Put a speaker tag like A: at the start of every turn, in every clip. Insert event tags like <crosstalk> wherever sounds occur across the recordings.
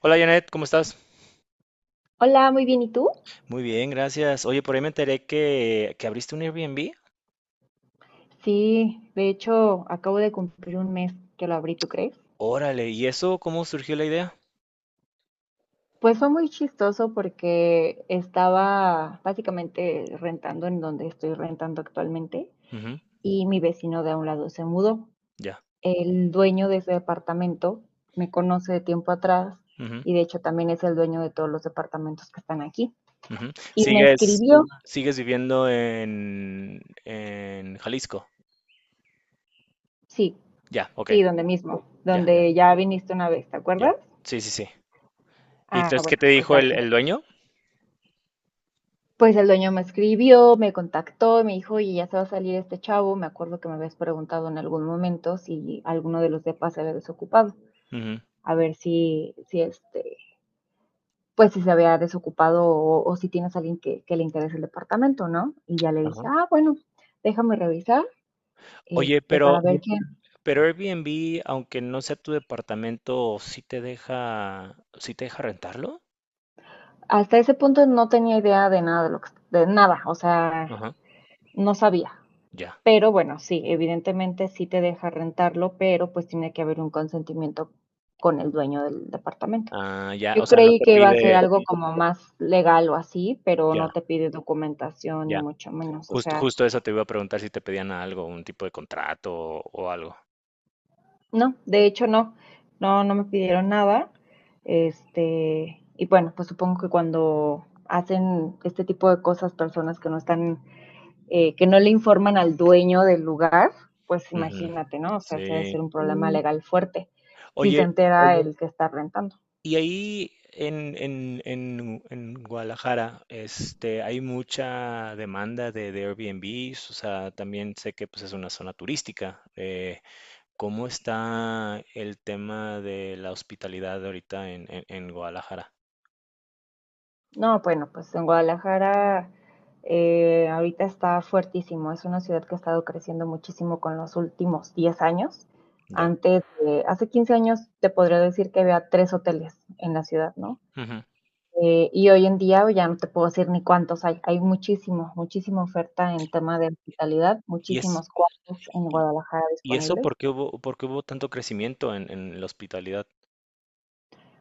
A: Hola Janet, ¿cómo estás?
B: Hola, muy bien, ¿y tú?
A: Muy bien, gracias. Oye, por ahí me enteré que abriste un Airbnb.
B: Sí, de hecho, acabo de cumplir un mes que lo abrí, ¿tú crees?
A: Órale, ¿y eso cómo surgió la idea?
B: Pues fue muy chistoso porque estaba básicamente rentando en donde estoy rentando actualmente
A: Ujú,
B: y mi vecino de a un lado se mudó.
A: ya.
B: El dueño de ese departamento me conoce de tiempo atrás
A: Ujú,
B: y de hecho también es el dueño de todos los departamentos que están aquí.
A: ujú.
B: Y me
A: ¿Sigues,
B: escribió,
A: sigues viviendo en Jalisco?
B: sí,
A: Ya, ok,
B: sí, donde mismo,
A: ya, ya,
B: donde ya viniste una vez, ¿te
A: ya.
B: acuerdas?
A: Sí, sí, sí. ¿Y
B: Ah,
A: entonces qué
B: bueno,
A: te
B: pues
A: dijo el,
B: aquí.
A: el dueño?
B: Pues el dueño me escribió, me contactó, me dijo: "Oye, ya se va a salir este chavo, me acuerdo que me habías preguntado en algún momento si alguno de los depas se había desocupado,
A: Ujú,
B: a ver si, este, pues, si se había desocupado o si tienes a alguien que le interese el departamento", ¿no? Y ya le dije:
A: ajá.
B: "Ah, bueno, déjame revisar,
A: Oye,
B: este,
A: pero,
B: para ver quién".
A: pero Airbnb, aunque no sea tu departamento, ¿sí te deja, sí te deja rentarlo?
B: Hasta ese punto no tenía idea de nada de lo que de nada, o sea,
A: Ajá,
B: no sabía.
A: ya.
B: Pero bueno, sí, evidentemente sí te deja rentarlo, pero pues tiene que haber un consentimiento con el dueño del departamento.
A: Ah, ya, o
B: Yo
A: sea, no
B: creí
A: te
B: que iba a ser
A: pide,
B: algo como más legal o así, pero
A: ya,
B: no te pide documentación ni
A: ya.
B: mucho menos. O
A: Justo,
B: sea,
A: justo eso te iba a preguntar si te pedían algo, un tipo de contrato o algo.
B: no, de hecho no, no, no me pidieron nada. Este, y bueno, pues supongo que cuando hacen este tipo de cosas personas que no están que no le informan al dueño del lugar, pues
A: Ujú.
B: imagínate, ¿no? O sea, ese debe
A: Sí.
B: ser un problema legal fuerte si se
A: Oye,
B: entera el que está rentando.
A: y ahí en Guadalajara, este, hay mucha demanda de Airbnbs, o sea, también sé que pues, es una zona turística. ¿Cómo está el tema de la hospitalidad ahorita en Guadalajara?
B: No, bueno, pues en Guadalajara ahorita está fuertísimo. Es una ciudad que ha estado creciendo muchísimo con los últimos 10 años.
A: Ya.
B: Antes, hace 15 años te podría decir que había tres hoteles en la ciudad, ¿no?
A: Ujú.
B: Y hoy en día ya no te puedo decir ni cuántos hay, hay muchísimo, muchísima oferta en tema de hospitalidad,
A: ¿Y es,
B: muchísimos cuartos en
A: y,
B: Guadalajara
A: y eso
B: disponibles.
A: por qué hubo tanto crecimiento en la hospitalidad?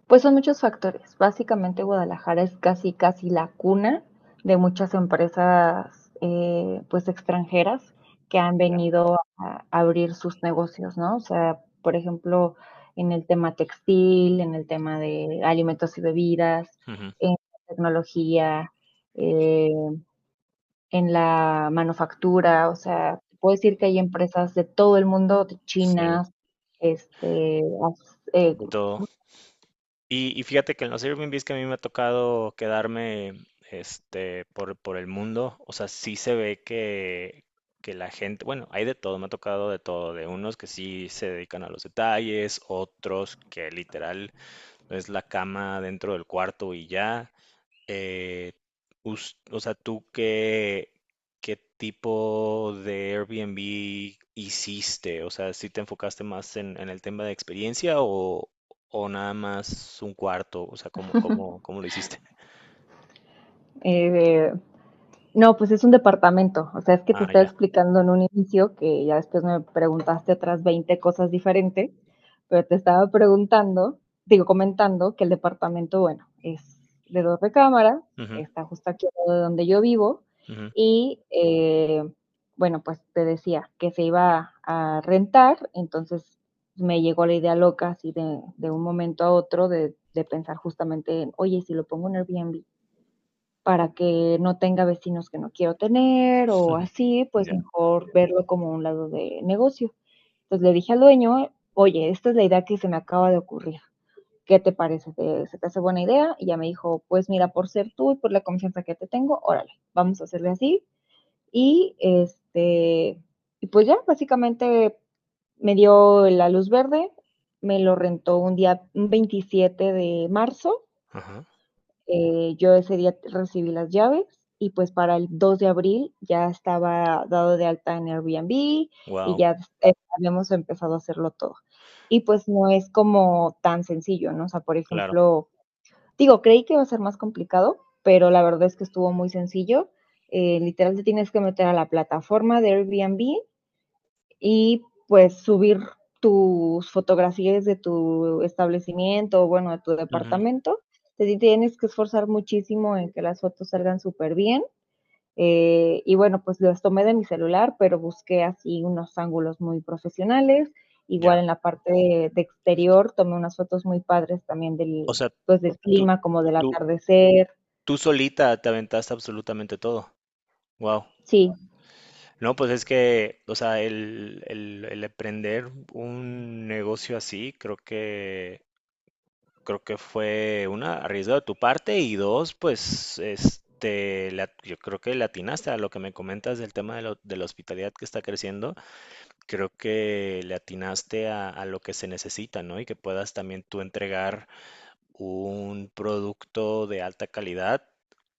B: Pues son muchos factores. Básicamente Guadalajara es casi, casi la cuna de muchas empresas, pues extranjeras que han
A: Ya.
B: venido a abrir sus negocios, ¿no? O sea, por ejemplo, en el tema textil, en el tema de alimentos y bebidas,
A: Ujú.
B: en tecnología, eh en la manufactura, o sea, puedo decir que hay empresas de todo el mundo, de
A: Sí.
B: chinas, este, as- eh,
A: De todo. Y fíjate que en los Airbnbs que a mí me ha tocado quedarme este, por el mundo, o sea, sí se ve que la gente, bueno, hay de todo, me ha tocado de todo, de unos que sí se dedican a los detalles, otros que literal es la cama dentro del cuarto y ya, eh, o sea, ¿tú qué, qué tipo de Airbnb hiciste? O sea, ¿si te enfocaste más en el tema de experiencia o nada más un cuarto? O sea, ¿cómo, cómo, cómo lo hiciste? <laughs>
B: eh, No, pues es un departamento. O sea, es que te
A: Ah,
B: estaba
A: ya.
B: explicando en un inicio que ya después me preguntaste otras 20 cosas diferentes, pero te estaba preguntando, digo, comentando que el departamento, bueno, es de dos recámaras,
A: Ujú,
B: está justo aquí al lado de donde yo vivo
A: ujú,
B: y, bueno, pues te decía que se iba a rentar, entonces me llegó la idea loca así de un momento a otro de pensar justamente en, oye, si lo pongo en Airbnb, para que no tenga vecinos que no quiero tener
A: <laughs>
B: o
A: ujú.
B: así, pues
A: Ya.
B: mejor verlo como un lado de negocio. Entonces le dije al dueño, oye, esta es la idea que se me acaba de ocurrir. ¿Qué te parece? ¿Te- ¿Se te hace buena idea? Y ya me dijo, pues mira, por ser tú y por la confianza que te tengo, órale, vamos a hacerle así. Y este, y pues ya, básicamente me dio la luz verde, me lo rentó un día, un 27 de marzo,
A: Ajá.
B: yo ese día recibí las llaves y pues para el 2 de abril ya estaba dado de alta en Airbnb y
A: Wow.
B: ya habíamos empezado a hacerlo todo. Y pues no es como tan sencillo, ¿no? O sea, por
A: Claro.
B: ejemplo, digo, creí que iba a ser más complicado, pero la verdad es que estuvo muy sencillo. Literal te tienes que meter a la plataforma de Airbnb y pues subir tus fotografías de tu establecimiento, o bueno, de tu
A: Ujú,
B: departamento. Te tienes que esforzar muchísimo en que las fotos salgan súper bien. Y bueno, pues las tomé de mi celular, pero busqué así unos ángulos muy profesionales.
A: ya.
B: Igual en la parte de exterior tomé unas fotos muy padres también
A: O
B: del,
A: sea,
B: pues del
A: tú,
B: clima, como del
A: tú,
B: atardecer.
A: tú solita te aventaste absolutamente todo. Wow.
B: Sí,
A: No, pues es que, o sea, el emprender un negocio así, creo que fue una, arriesgo de tu parte y dos, pues, yo creo que le atinaste a lo que me comentas del tema de, de la hospitalidad que está creciendo, creo que le atinaste a lo que se necesita, ¿no? Y que puedas también tú entregar un producto de alta calidad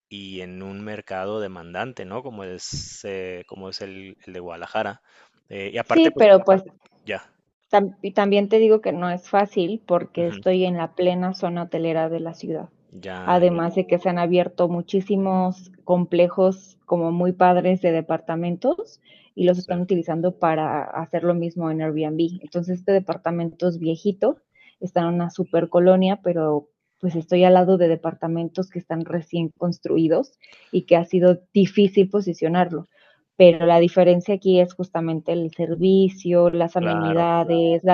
A: y en un mercado demandante, ¿no? Como es el de Guadalajara. Y
B: sí,
A: aparte, pues
B: pero pues
A: ya,
B: y también te digo que no es fácil porque
A: ujú,
B: estoy en la plena zona hotelera de la ciudad.
A: ya, ya,
B: Además de que se han abierto muchísimos complejos como muy padres de departamentos y los
A: sí,
B: están utilizando para hacer lo mismo en Airbnb. Entonces, este departamento es viejito, está en una super colonia, pero pues estoy al lado de departamentos que están recién construidos y que ha sido difícil posicionarlo pero la diferencia aquí es justamente el servicio, las
A: claro.
B: amenidades, la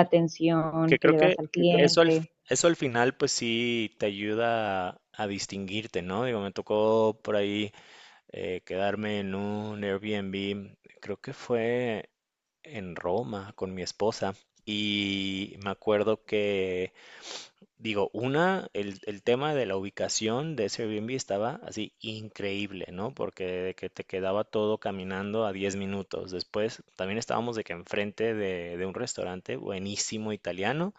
A: Que
B: atención que
A: creo
B: le
A: que
B: das al
A: eso al,
B: cliente.
A: eso al final, pues sí, te ayuda a distinguirte, ¿no? Digo, me tocó por ahí quedarme en un Airbnb, creo que fue en Roma con mi esposa. Y me acuerdo que digo, una, el tema de la ubicación de ese Airbnb estaba así increíble, ¿no? Porque de que te quedaba todo caminando a 10 minutos. Después también estábamos de que enfrente de un restaurante buenísimo italiano,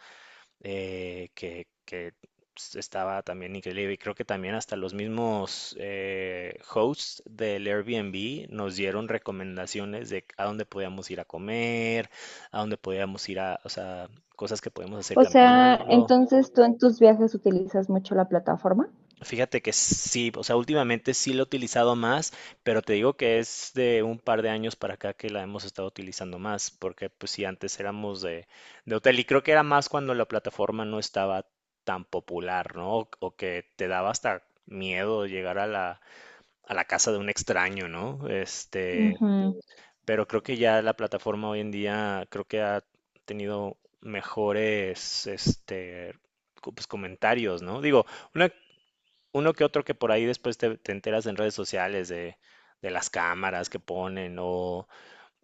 A: que estaba también increíble. Y creo que también hasta los mismos hosts del Airbnb nos dieron recomendaciones de a dónde podíamos ir a comer, a dónde podíamos ir a, o sea, cosas que podíamos hacer
B: O sea,
A: caminando.
B: entonces tú en tus viajes utilizas mucho la plataforma.
A: Fíjate que sí, o sea, últimamente sí lo he utilizado más, pero te digo que es de un par de años para acá que la hemos estado utilizando más, porque pues sí, antes éramos de hotel y creo que era más cuando la plataforma no estaba tan popular, ¿no? O que te daba hasta miedo llegar a a la casa de un extraño, ¿no? Este,
B: Ujú,
A: pero creo que ya la plataforma hoy en día creo que ha tenido mejores, pues, comentarios, ¿no? Digo, una, uno que otro que por ahí después te, te enteras en redes sociales de las cámaras que ponen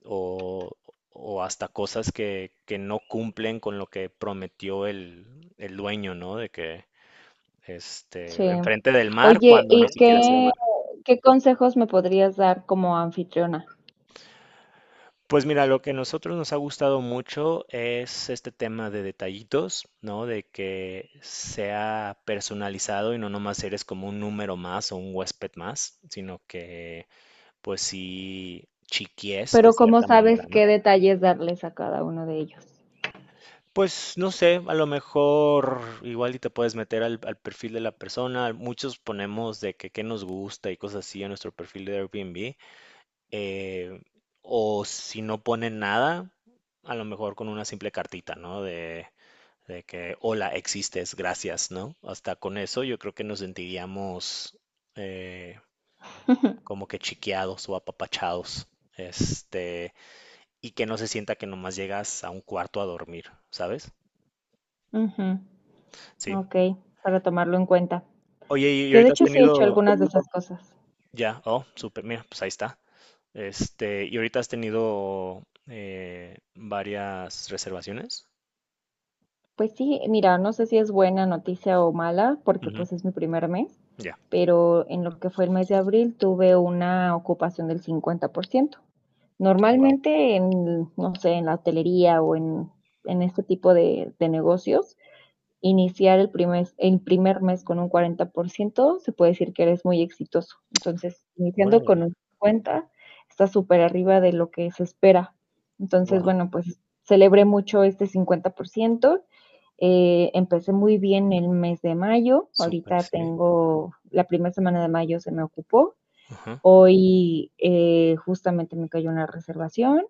A: o, o hasta cosas que no cumplen con lo que prometió el dueño, ¿no? De que este,
B: sí.
A: enfrente del mar
B: Oye,
A: cuando ni
B: ¿y
A: siquiera es el
B: qué,
A: mar.
B: qué consejos me podrías dar como anfitriona?
A: Pues mira, lo que a nosotros nos ha gustado mucho es este tema de detallitos, ¿no? De que sea personalizado y no nomás eres como un número más o un huésped más, sino que pues sí, chiquies de
B: Pero ¿cómo
A: cierta manera,
B: sabes
A: ¿no?
B: qué detalles darles a cada uno de ellos?
A: Pues no sé, a lo mejor igual y te puedes meter al perfil de la persona. Muchos ponemos de que qué nos gusta y cosas así en nuestro perfil de Airbnb. eh, o si no ponen nada, a lo mejor con una simple cartita, ¿no? De que, hola, existes, gracias, ¿no? Hasta con eso yo creo que nos sentiríamos eh, como que chiqueados o apapachados. Este, y que no se sienta que nomás llegas a un cuarto a dormir, ¿sabes?
B: Ujú,
A: Sí.
B: ok, para tomarlo en cuenta.
A: Oye, y
B: Que de
A: ahorita has
B: hecho sí he hecho
A: tenido,
B: algunas de esas cosas.
A: ya, oh, súper, mira, pues ahí está. Este, y ahorita has tenido varias reservaciones.
B: Pues sí, mira, no sé si es buena noticia o mala, porque
A: Ujú,
B: pues es mi primer mes,
A: ya.
B: pero en lo que fue el mes de abril tuve una ocupación del 50%.
A: Wow.
B: Normalmente en, no sé, en la hotelería o en este tipo de negocios, iniciar el primer mes con un 40%, se puede decir que eres muy exitoso. Entonces, iniciando
A: Órale.
B: con un 50, está súper arriba de lo que se espera. Entonces,
A: Wow.
B: bueno, pues celebré mucho este 50%. Empecé muy bien el mes de mayo.
A: Súper,
B: Ahorita
A: sí.
B: tengo la primera semana de mayo se me ocupó.
A: Ajá.
B: Hoy justamente me cayó una reservación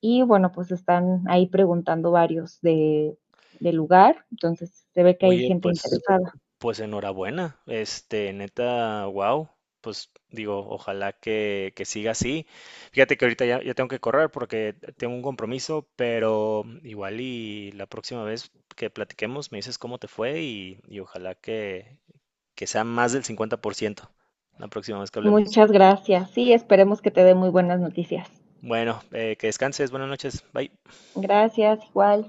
B: y bueno, pues están ahí preguntando varios de lugar, entonces se ve que hay
A: Oye,
B: gente
A: pues
B: interesada.
A: pues enhorabuena, este, neta, wow, pues digo, ojalá que siga así. Fíjate que ahorita ya, ya tengo que correr porque tengo un compromiso, pero igual y la próxima vez que platiquemos me dices cómo te fue y ojalá que sea más del 50% la próxima vez que hablemos.
B: Muchas gracias. Sí, esperemos que te dé muy buenas noticias.
A: Bueno, que descanses, buenas noches, bye.
B: Gracias, igual.